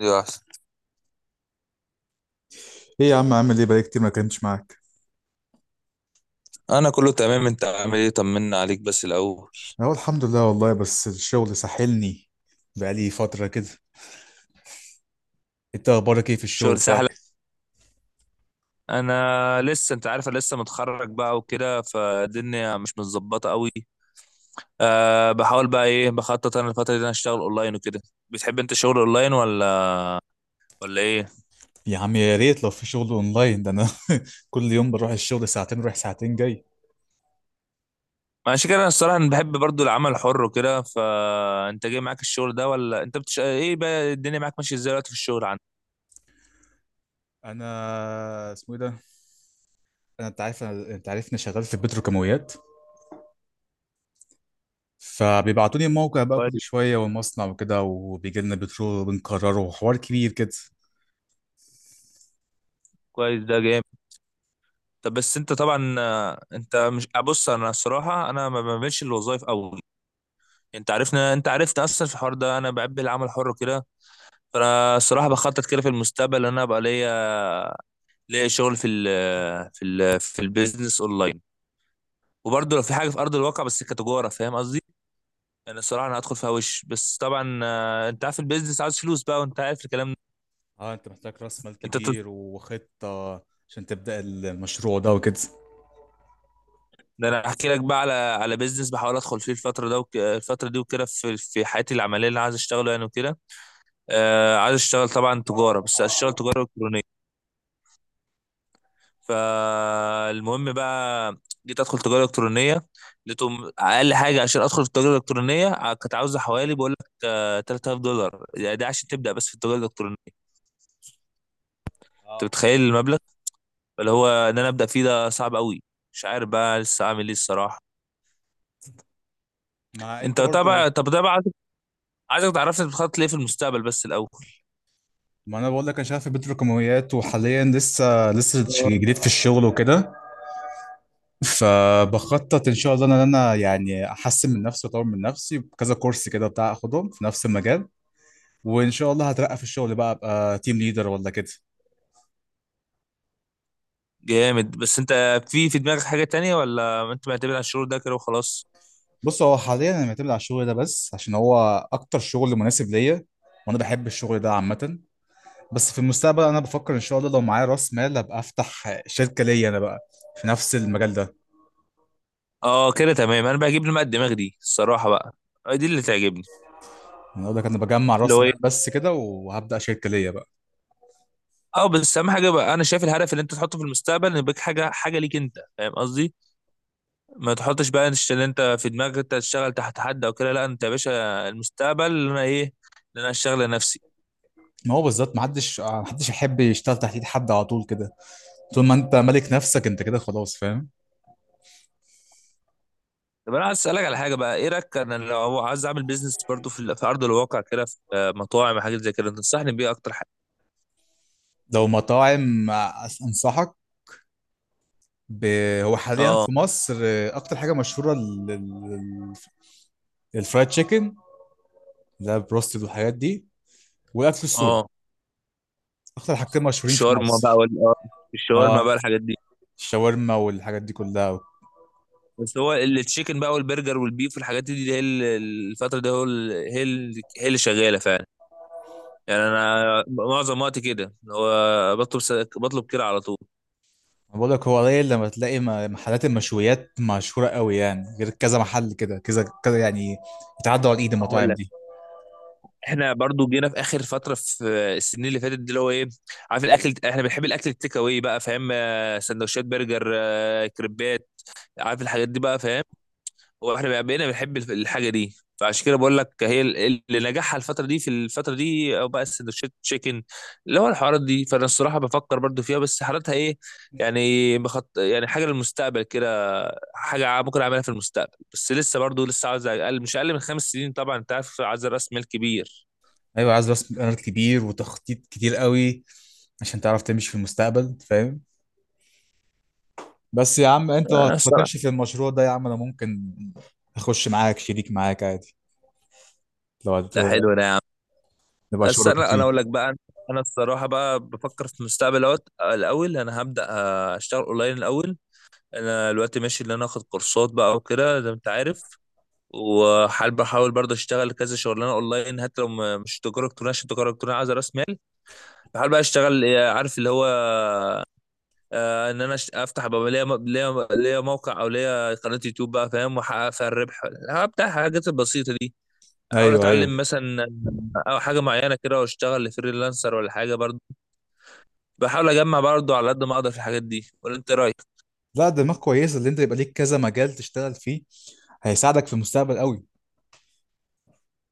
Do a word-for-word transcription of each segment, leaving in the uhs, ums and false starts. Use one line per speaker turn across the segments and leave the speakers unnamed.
يا أحسن.
ايه يا عم، عامل ايه؟ بقالي كتير ما كنتش معاك.
أنا كله تمام، أنت عامل إيه؟ طمنا عليك بس الأول.
اهو الحمد لله والله، بس الشغل ساحلني. بقالي فترة كده. انت اخبارك ايه في الشغل
شغل سهلة.
بتاعك؟
أنا لسه أنت عارف، أنا لسه متخرج بقى وكده، فالدنيا مش متظبطة قوي. أه بحاول بقى، إيه، بخطط أنا الفترة دي إن أنا أشتغل أونلاين وكده. بتحب أنت شغل أونلاين ولا ولا إيه؟
يا عم يا ريت لو في شغل اونلاين ده انا كل يوم بروح الشغل ساعتين رايح ساعتين جاي.
ماشي كده. أنا الصراحة أنا بحب برضو العمل الحر وكده، فأنت جاي معاك الشغل ده، ولا أنت بتش... إيه بقى، الدنيا معاك ماشية إزاي دلوقتي في الشغل عندك؟
انا اسمه ايه ده، انا انت عارف أنا... انت عارفني شغال في البتروكيماويات. فبيبعتوا لي موقع بقى كل
كويس.
شوية والمصنع وكده، وبيجي لنا بترول وبنكرره حوار كبير كده.
كويس، ده جامد. طب بس أنت طبعا، آه، أنت، مش، بص، أنا الصراحة أنا ما بعملش الوظائف أوي. انت عارفنا، انت عرفت اصلا في الحوار ده انا بحب العمل الحر كده. فانا الصراحه بخطط كده في المستقبل ان انا ابقى ليا، ليا شغل في ال في ال في البيزنس اونلاين. وبرضه لو في حاجه في ارض الواقع، بس كتجاره، فاهم قصدي. انا الصراحه انا هدخل فيها وش. بس طبعا، آه، انت عارف البيزنس عاوز فلوس بقى، وانت عارف الكلام ده.
اه، انت محتاج راس مال
انت تط...
كبير وخطة عشان تبدأ المشروع ده وكده.
ده انا احكي لك بقى على على بيزنس بحاول ادخل فيه الفتره ده وك... الفتره دي وكده، في في حياتي العمليه اللي انا عايز اشتغله يعني وكده. آه، عايز اشتغل طبعا تجاره، بس اشتغل تجاره الكترونيه. فالمهم بقى، جيت ادخل تجاره الكترونيه. لقيتهم اقل حاجه عشان ادخل في التجاره الالكترونيه، ع- كانت عاوزه حوالي، بقول لك، آه، تلات آلاف دولار، يعني ده عشان تبدا بس في التجاره الالكترونيه. انت متخيل المبلغ اللي هو ان انا ابدا فيه ده، صعب قوي. مش عارف بقى لسه اعمل ايه الصراحه.
مع انت
انت طبعا،
برضو.
طب، ده بقى عايزك، عايزك تعرفني انت بتخطط ليه في المستقبل بس الاول.
ما انا بقول لك، انا شغال في بيت رقميات، وحاليا لسه لسه
آه.
جديد في الشغل وكده. فبخطط ان شاء الله ان انا يعني احسن من نفسي واطور من نفسي بكذا كورس كده بتاع اخدهم في نفس المجال. وان شاء الله هترقى في الشغل بقى، ابقى تيم ليدر ولا كده.
جامد، بس انت في في دماغك حاجه تانية، ولا انت معتمد على الشغل ده كده وخلاص؟
بص، هو حاليا انا معتمد على الشغل ده بس عشان هو اكتر شغل مناسب ليا. وانا بحب الشغل ده عامه. بس في المستقبل انا بفكر ان شاء الله، لو معايا راس مال ابقى افتح شركه ليا انا بقى، في نفس المجال ده.
اه كده تمام، انا بجيب لي بقى الدماغ دي الصراحه بقى. آه، دي اللي تعجبني.
انا اقول لك، انا بجمع
اللي
راس
هو،
مال بس كده، وهبدا شركه ليا بقى.
اه، بس اهم حاجه بقى انا شايف الهدف اللي انت تحطه في المستقبل ان يبقى حاجه، حاجه ليك انت، فاهم قصدي. ما تحطش بقى، إنش- ان انت في دماغك انت تشتغل تحت حد او كده، لا انت يا باشا المستقبل اللي انا، ايه، اللي انا اشتغل لنفسي.
ما هو بالذات، ما حدش ما حدش يحب يشتغل تحت ايد حد على طول كده. طول ما انت مالك نفسك انت كده خلاص، فاهم.
طب انا عايز اسالك على حاجه بقى، ايه رايك انا لو عايز اعمل بيزنس برضو في ال- في ارض الواقع كده، في، آه، مطاعم، حاجات زي كده، تنصحني بيه اكتر حاجه؟
لو مطاعم، أس- انصحك ب... هو حاليا
اه.
في مصر آه، اكتر حاجه مشهوره ال- ال- الفرايد تشيكن، ده بروستد والحاجات دي، والاكل السوري.
اه،
اكتر حاجتين مشهورين في
الشاورما بقى
مصر.
وال آه، الشاورما
اه،
بقى، الحاجات دي.
الشاورما والحاجات دي كلها.
بس هو التشيكن بقى والبرجر والبيف والحاجات دي، دي هي ال- الفتره دي هو ال- هي ال- هي اللي شغاله فعلا. يعني انا معظم وقتي كده هو بطلب س- بطلب كده على طول.
أنا بقول لك هو قليل لما تلاقي م- محلات المشويات مشهوره قوي يعني، غير كذا محل كده، كذا كذا يعني، يتعدوا على ايد
هقول
المطاعم
لك،
دي.
احنا برضو جينا في اخر فتره في السنين اللي فاتت دي، اللي هو ايه، عارف الاكل، احنا بنحب الاكل التيك اواي بقى، فاهم، آه، سندوتشات برجر، آه، كريبات، عارف الحاجات دي بقى، فاهم، واحنا بقى- بقينا بنحب الف- الحاجه دي، فعشان كده بقول لك هي ال- اللي نجحها الفتره دي، في الفتره دي، او بقى السندوتشات تشيكن، اللي هو الحوارات دي. فانا الصراحه بفكر برضو فيها، بس حالتها ايه، يعني بخط، يعني حاجه للمستقبل كده، حاجه ع- ممكن اعملها في المستقبل، بس لسه برضو لسه عاوز اقل، مش اقل من خمس سنين طبعا، انت عارف عايز راس مال كبير.
ايوه، عايز راس مال كبير وتخطيط كتير قوي عشان تعرف تمشي في المستقبل، فاهم. بس يا عم، انت لو
انا
هت- هتمشي
الصراحه،
في المشروع ده يا عم، انا ممكن اخش معاك شريك معاك عادي. لو هت...
لا، حلو ده يا عم.
نبقى
بس
شركاء
انا أنا
فيه.
اقول لك بقى، انا الصراحه بقى بفكر في المستقبل اهوت. الاول انا هبدا اشتغل اونلاين الاول. انا دلوقتي ماشي اللي انا اخد كورسات بقى وكده زي ما انت عارف. وحال بحاول برضه اشتغل كذا شغلانه اونلاين، حتى لو ما- مش تجاره الكترونيه، عشان التجاره الالكترونيه عايزه راس مال. بحاول بقى اشتغل، آه، عارف اللي هو، آه، ان انا أش- افتح بقى ليا م- ليا ليا موقع او ليا قناه يوتيوب بقى، فاهم، واحقق فيها الربح. هبدا الحاجات البسيطه دي. احاول
ايوه، ايوه.
اتعلم مثلا، او حاجه معينه كده، واشتغل فريلانسر ولا حاجه برضه. بحاول اجمع برضه على قد ما اقدر في الحاجات دي، ولا انت إيه رايك؟
لا، دماغ كويسه اللي انت يبقى ليك كذا مجال تشتغل فيه. هيساعدك في المستقبل قوي،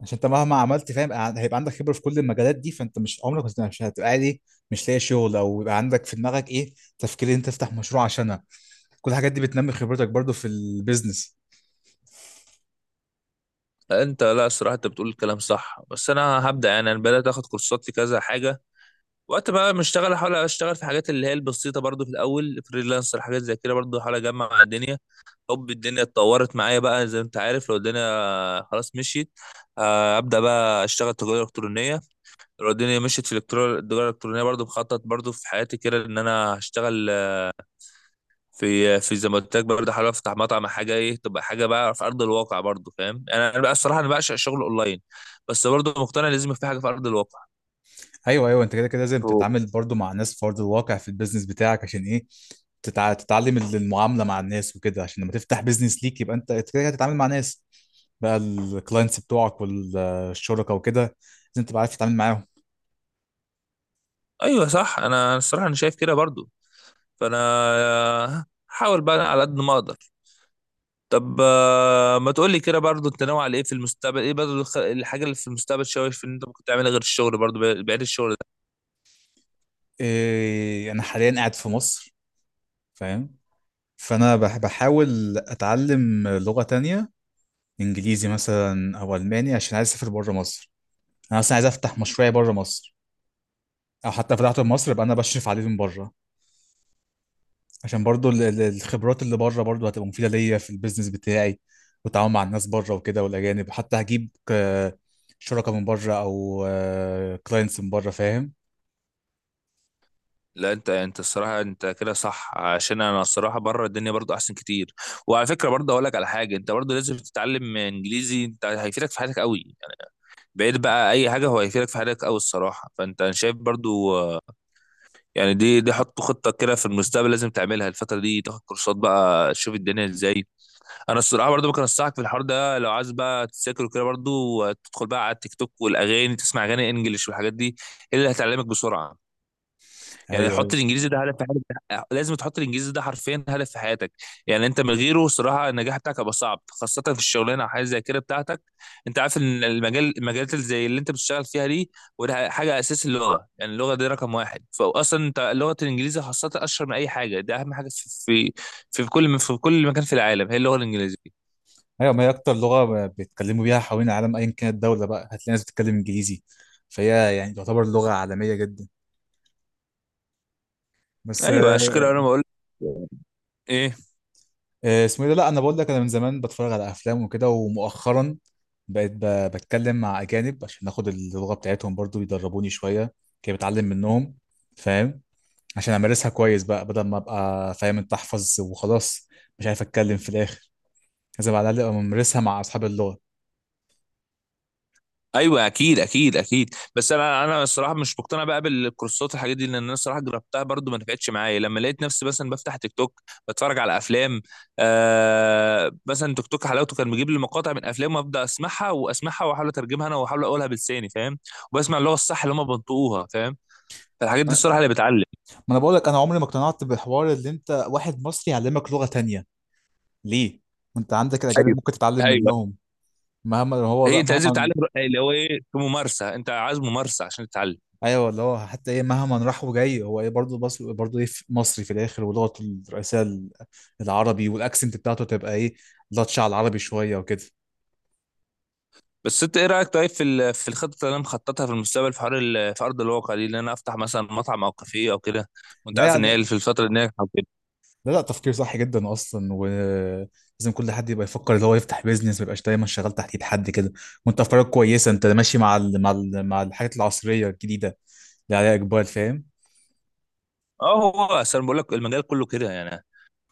عشان انت مهما عملت فاهم، ع- هيبقى عندك خبره في كل المجالات دي، فانت مش عمرك مش مش هتبقى عادي مش لاقي شغل، او يبقى عندك في دماغك ايه، تفكير ان انت تفتح مشروع عشانها. كل الحاجات دي بتنمي خبرتك برضو في البيزنس.
انت، لا، الصراحه انت بتقول الكلام صح، بس انا هبدا يعني، انا بدات اخد كورسات في كذا حاجه. وقت بقى ما اشتغل، احاول اشتغل في حاجات اللي هي البسيطه برضو في الاول، فريلانسر، حاجات زي كده برضو، احاول اجمع مع الدنيا. حب الدنيا اتطورت معايا بقى، زي ما انت عارف، لو الدنيا خلاص مشيت، آه، ابدا بقى اشتغل تجاره الكترونيه. لو الدنيا مشيت في الإلكترو- التجاره الالكترونيه، برضو بخطط برضو في حياتي كده ان انا هشتغل في، في زي ما قلت لك برضه، حابب افتح مطعم، حاجه ايه تبقى حاجه بقى في ارض الواقع برضه، فاهم، انا انا بقى الصراحه انا بعشق الشغل اونلاين، بس برضه مقتنع لازم يبقى في حاجه في ارض الواقع.
ايوه ايوه، انت كده كده لازم
أوه.
تتعامل برضو مع ناس في ارض الواقع في البيزنس بتاعك. عشان ايه؟ تتع... تتعلم ال- المعامله مع الناس وكده، عشان لما تفتح بيزنس ليك يبقى انت أنت كده كده هتتعامل مع ناس، بقى الكلاينتس بتوعك والشركاء وكده. لازم تبقى عارف تتعامل معاهم.
ايوه صح، انا الصراحه انا شايف كده برضه. فانا هحاول بقى على قد ما اقدر. طب، آه، ما تقول لي كده برضه، انت ناوي على ايه في المستقبل، ايه برضه الخ- الحاجه اللي في المستقبل شايف ان انت ممكن تعملها غير الشغل، برضه بعيد الشغل.
إيه، انا حاليا قاعد في مصر، فاهم. فانا بح- بحاول اتعلم لغه تانية، انجليزي مثلا او الماني، عشان عايز اسافر بره مصر. انا اصلا عايز افتح مشروعي بره مصر، او حتى فتحته في مصر يبقى انا بشرف عليه من بره. عشان برضو ال- ال- الخبرات اللي بره برضو هتبقى مفيدة ليا في البيزنس بتاعي، والتعامل مع الناس بره وكده والأجانب. حتى هجيب آه، شركاء من بره، أو كلاينتس من بره، فاهم.
لا انت انت الصراحه انت كده صح، عشان انا الصراحه بره الدنيا برضو احسن كتير. وعلى فكره برضو اقول لك على حاجه، انت برضو لازم تتعلم انجليزي، انت هيفيدك في حياتك قوي يعني، بعيد بقى اي حاجه، هو هيفيدك في حياتك قوي الصراحه. فانت انا شايف برضو، آه، يعني دي دي حط خطه كده في المستقبل لازم تعملها الفتره دي، تاخد كورسات بقى، تشوف الدنيا ازاي. انا الصراحه برضو ممكن انصحك في الحوار ده، لو عايز بقى تذاكر كده برضو، آه، تدخل بقى على التيك توك والاغاني، تسمع اغاني انجليش والحاجات دي، هي اللي هتعلمك بسرعه. يعني
أيوه أيوه
حط الانجليزي ده هدف في حياتك، لازم تحط الانجليزي ده حرفيا هدف في حياتك. يعني انت من غيره صراحه النجاح بتاعك هيبقى صعب، خاصه في الشغلانه او حاجه زي كده بتاعتك. انت عارف ان المجال، المجالات اللي زي اللي انت بتشتغل فيها دي، وده حاجه اساس، اللغه يعني اللغه دي رقم واحد، فاصلا انت لغه الانجليزي خاصه اشهر من اي حاجه، ده اهم حاجه في في في كل في كل مكان في العالم هي اللغه الانجليزيه.
أيوه، ما هي أكتر لغة بيتكلموا بيها حوالين العالم، أيا كانت الدولة بقى هتلاقي ناس بتتكلم إنجليزي. فهي يعني تعتبر لغة عالمية جدا. بس
ايوه، عشان
آه،
كده انا بقول، ايه،
آه، اسمه إيه ده، لا، أنا بقول لك، أنا من زمان بتفرج على أفلام وكده، ومؤخرا بقيت ب- بتكلم مع أجانب عشان آخد اللغة بتاعتهم، برضو يدربوني شوية كده، بتعلم منهم، فاهم. عشان امارسها كويس بقى، بدل ما ابقى فاهم، انت احفظ وخلاص مش عارف اتكلم في الاخر. لازم على الاقل ابقى ممارسها مع اصحاب اللغه.
ايوه، اكيد اكيد اكيد، بس انا انا الصراحه مش مقتنع بقى بالكورسات الحاجات دي، لان انا الصراحه جربتها برضو ما نفعتش معايا، لما لقيت نفسي مثلا بفتح تيك توك، بتفرج على افلام. آه، مثلا تيك توك حلاوته كان بيجيب لي مقاطع من افلام، وابدا اسمعها واسمعها، واحاول اترجمها انا، واحاول اقولها بلساني، فاهم، وبسمع اللغه الصح اللي هم بينطقوها، فاهم، فالحاجات دي الصراحه اللي بتعلم.
ما انا بقول لك، انا عمري ما اقتنعت بحوار اللي انت واحد مصري يعلمك لغه تانية. ليه؟ وانت عندك الاجانب
ايوه،
ممكن تتعلم
ايوه،
منهم. مهما هو
هي
را-
انت لازم
مهما.
تتعلم اللي هو ايه، في ممارسه، انت عايز ممارسه عشان تتعلم.
ايوه، اللي هو حتى ايه، مهما راح وجاي هو ايه برضه. بس برضه ايه، في- مصري في الاخر، ولغته الرئيسيه ال- العربي، والاكسنت بتاعته تبقى ايه، لطشه على العربي شويه وكده.
بس انت ايه رايك طيب في ال- في الخطه اللي انا مخططها في المستقبل، في حوار ال- في ارض الواقع دي، اللي انا افتح مثلا مطعم او كافيه او كده، وانت عارف ان
لا،
هي في الفتره دي ناجحه وكده.
لا، لا، تفكير صح جدا اصلا، ولازم كل حد يبقى يفكر اللي هو يفتح بيزنس، ما يبقاش دايما شغال تحت ايد حد كده. وانت افكارك كويسه، انت ماشي مع ال... مع ال... مع الحاجات العصريه الجديده اللي عليها اقبال، فاهم.
اه، هو اصل انا بقول لك المجال كله كده يعني.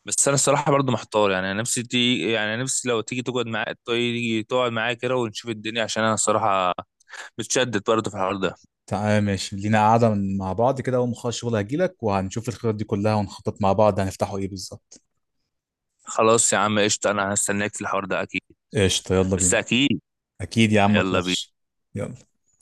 بس انا الصراحه برضو محتار يعني، انا نفسي تي يعني نفسي لو تيجي تقعد معايا، تيجي تقعد معايا كده، ونشوف الدنيا، عشان انا الصراحه متشدد برضو في الحوار ده.
تعال، ماشي لينا قاعده من- مع بعض كده، اول ما اخلص شغل هجيلك وهنشوف الخطط دي كلها، ونخطط مع بعض هنفتحوا ايه بالظبط.
خلاص يا عم، قشطه، انا هستناك في الحوار ده اكيد.
قشطه، يلا
بس
بينا.
اكيد.
اكيد يا عم، ما
يلا
تخافش.
بينا.
يلا.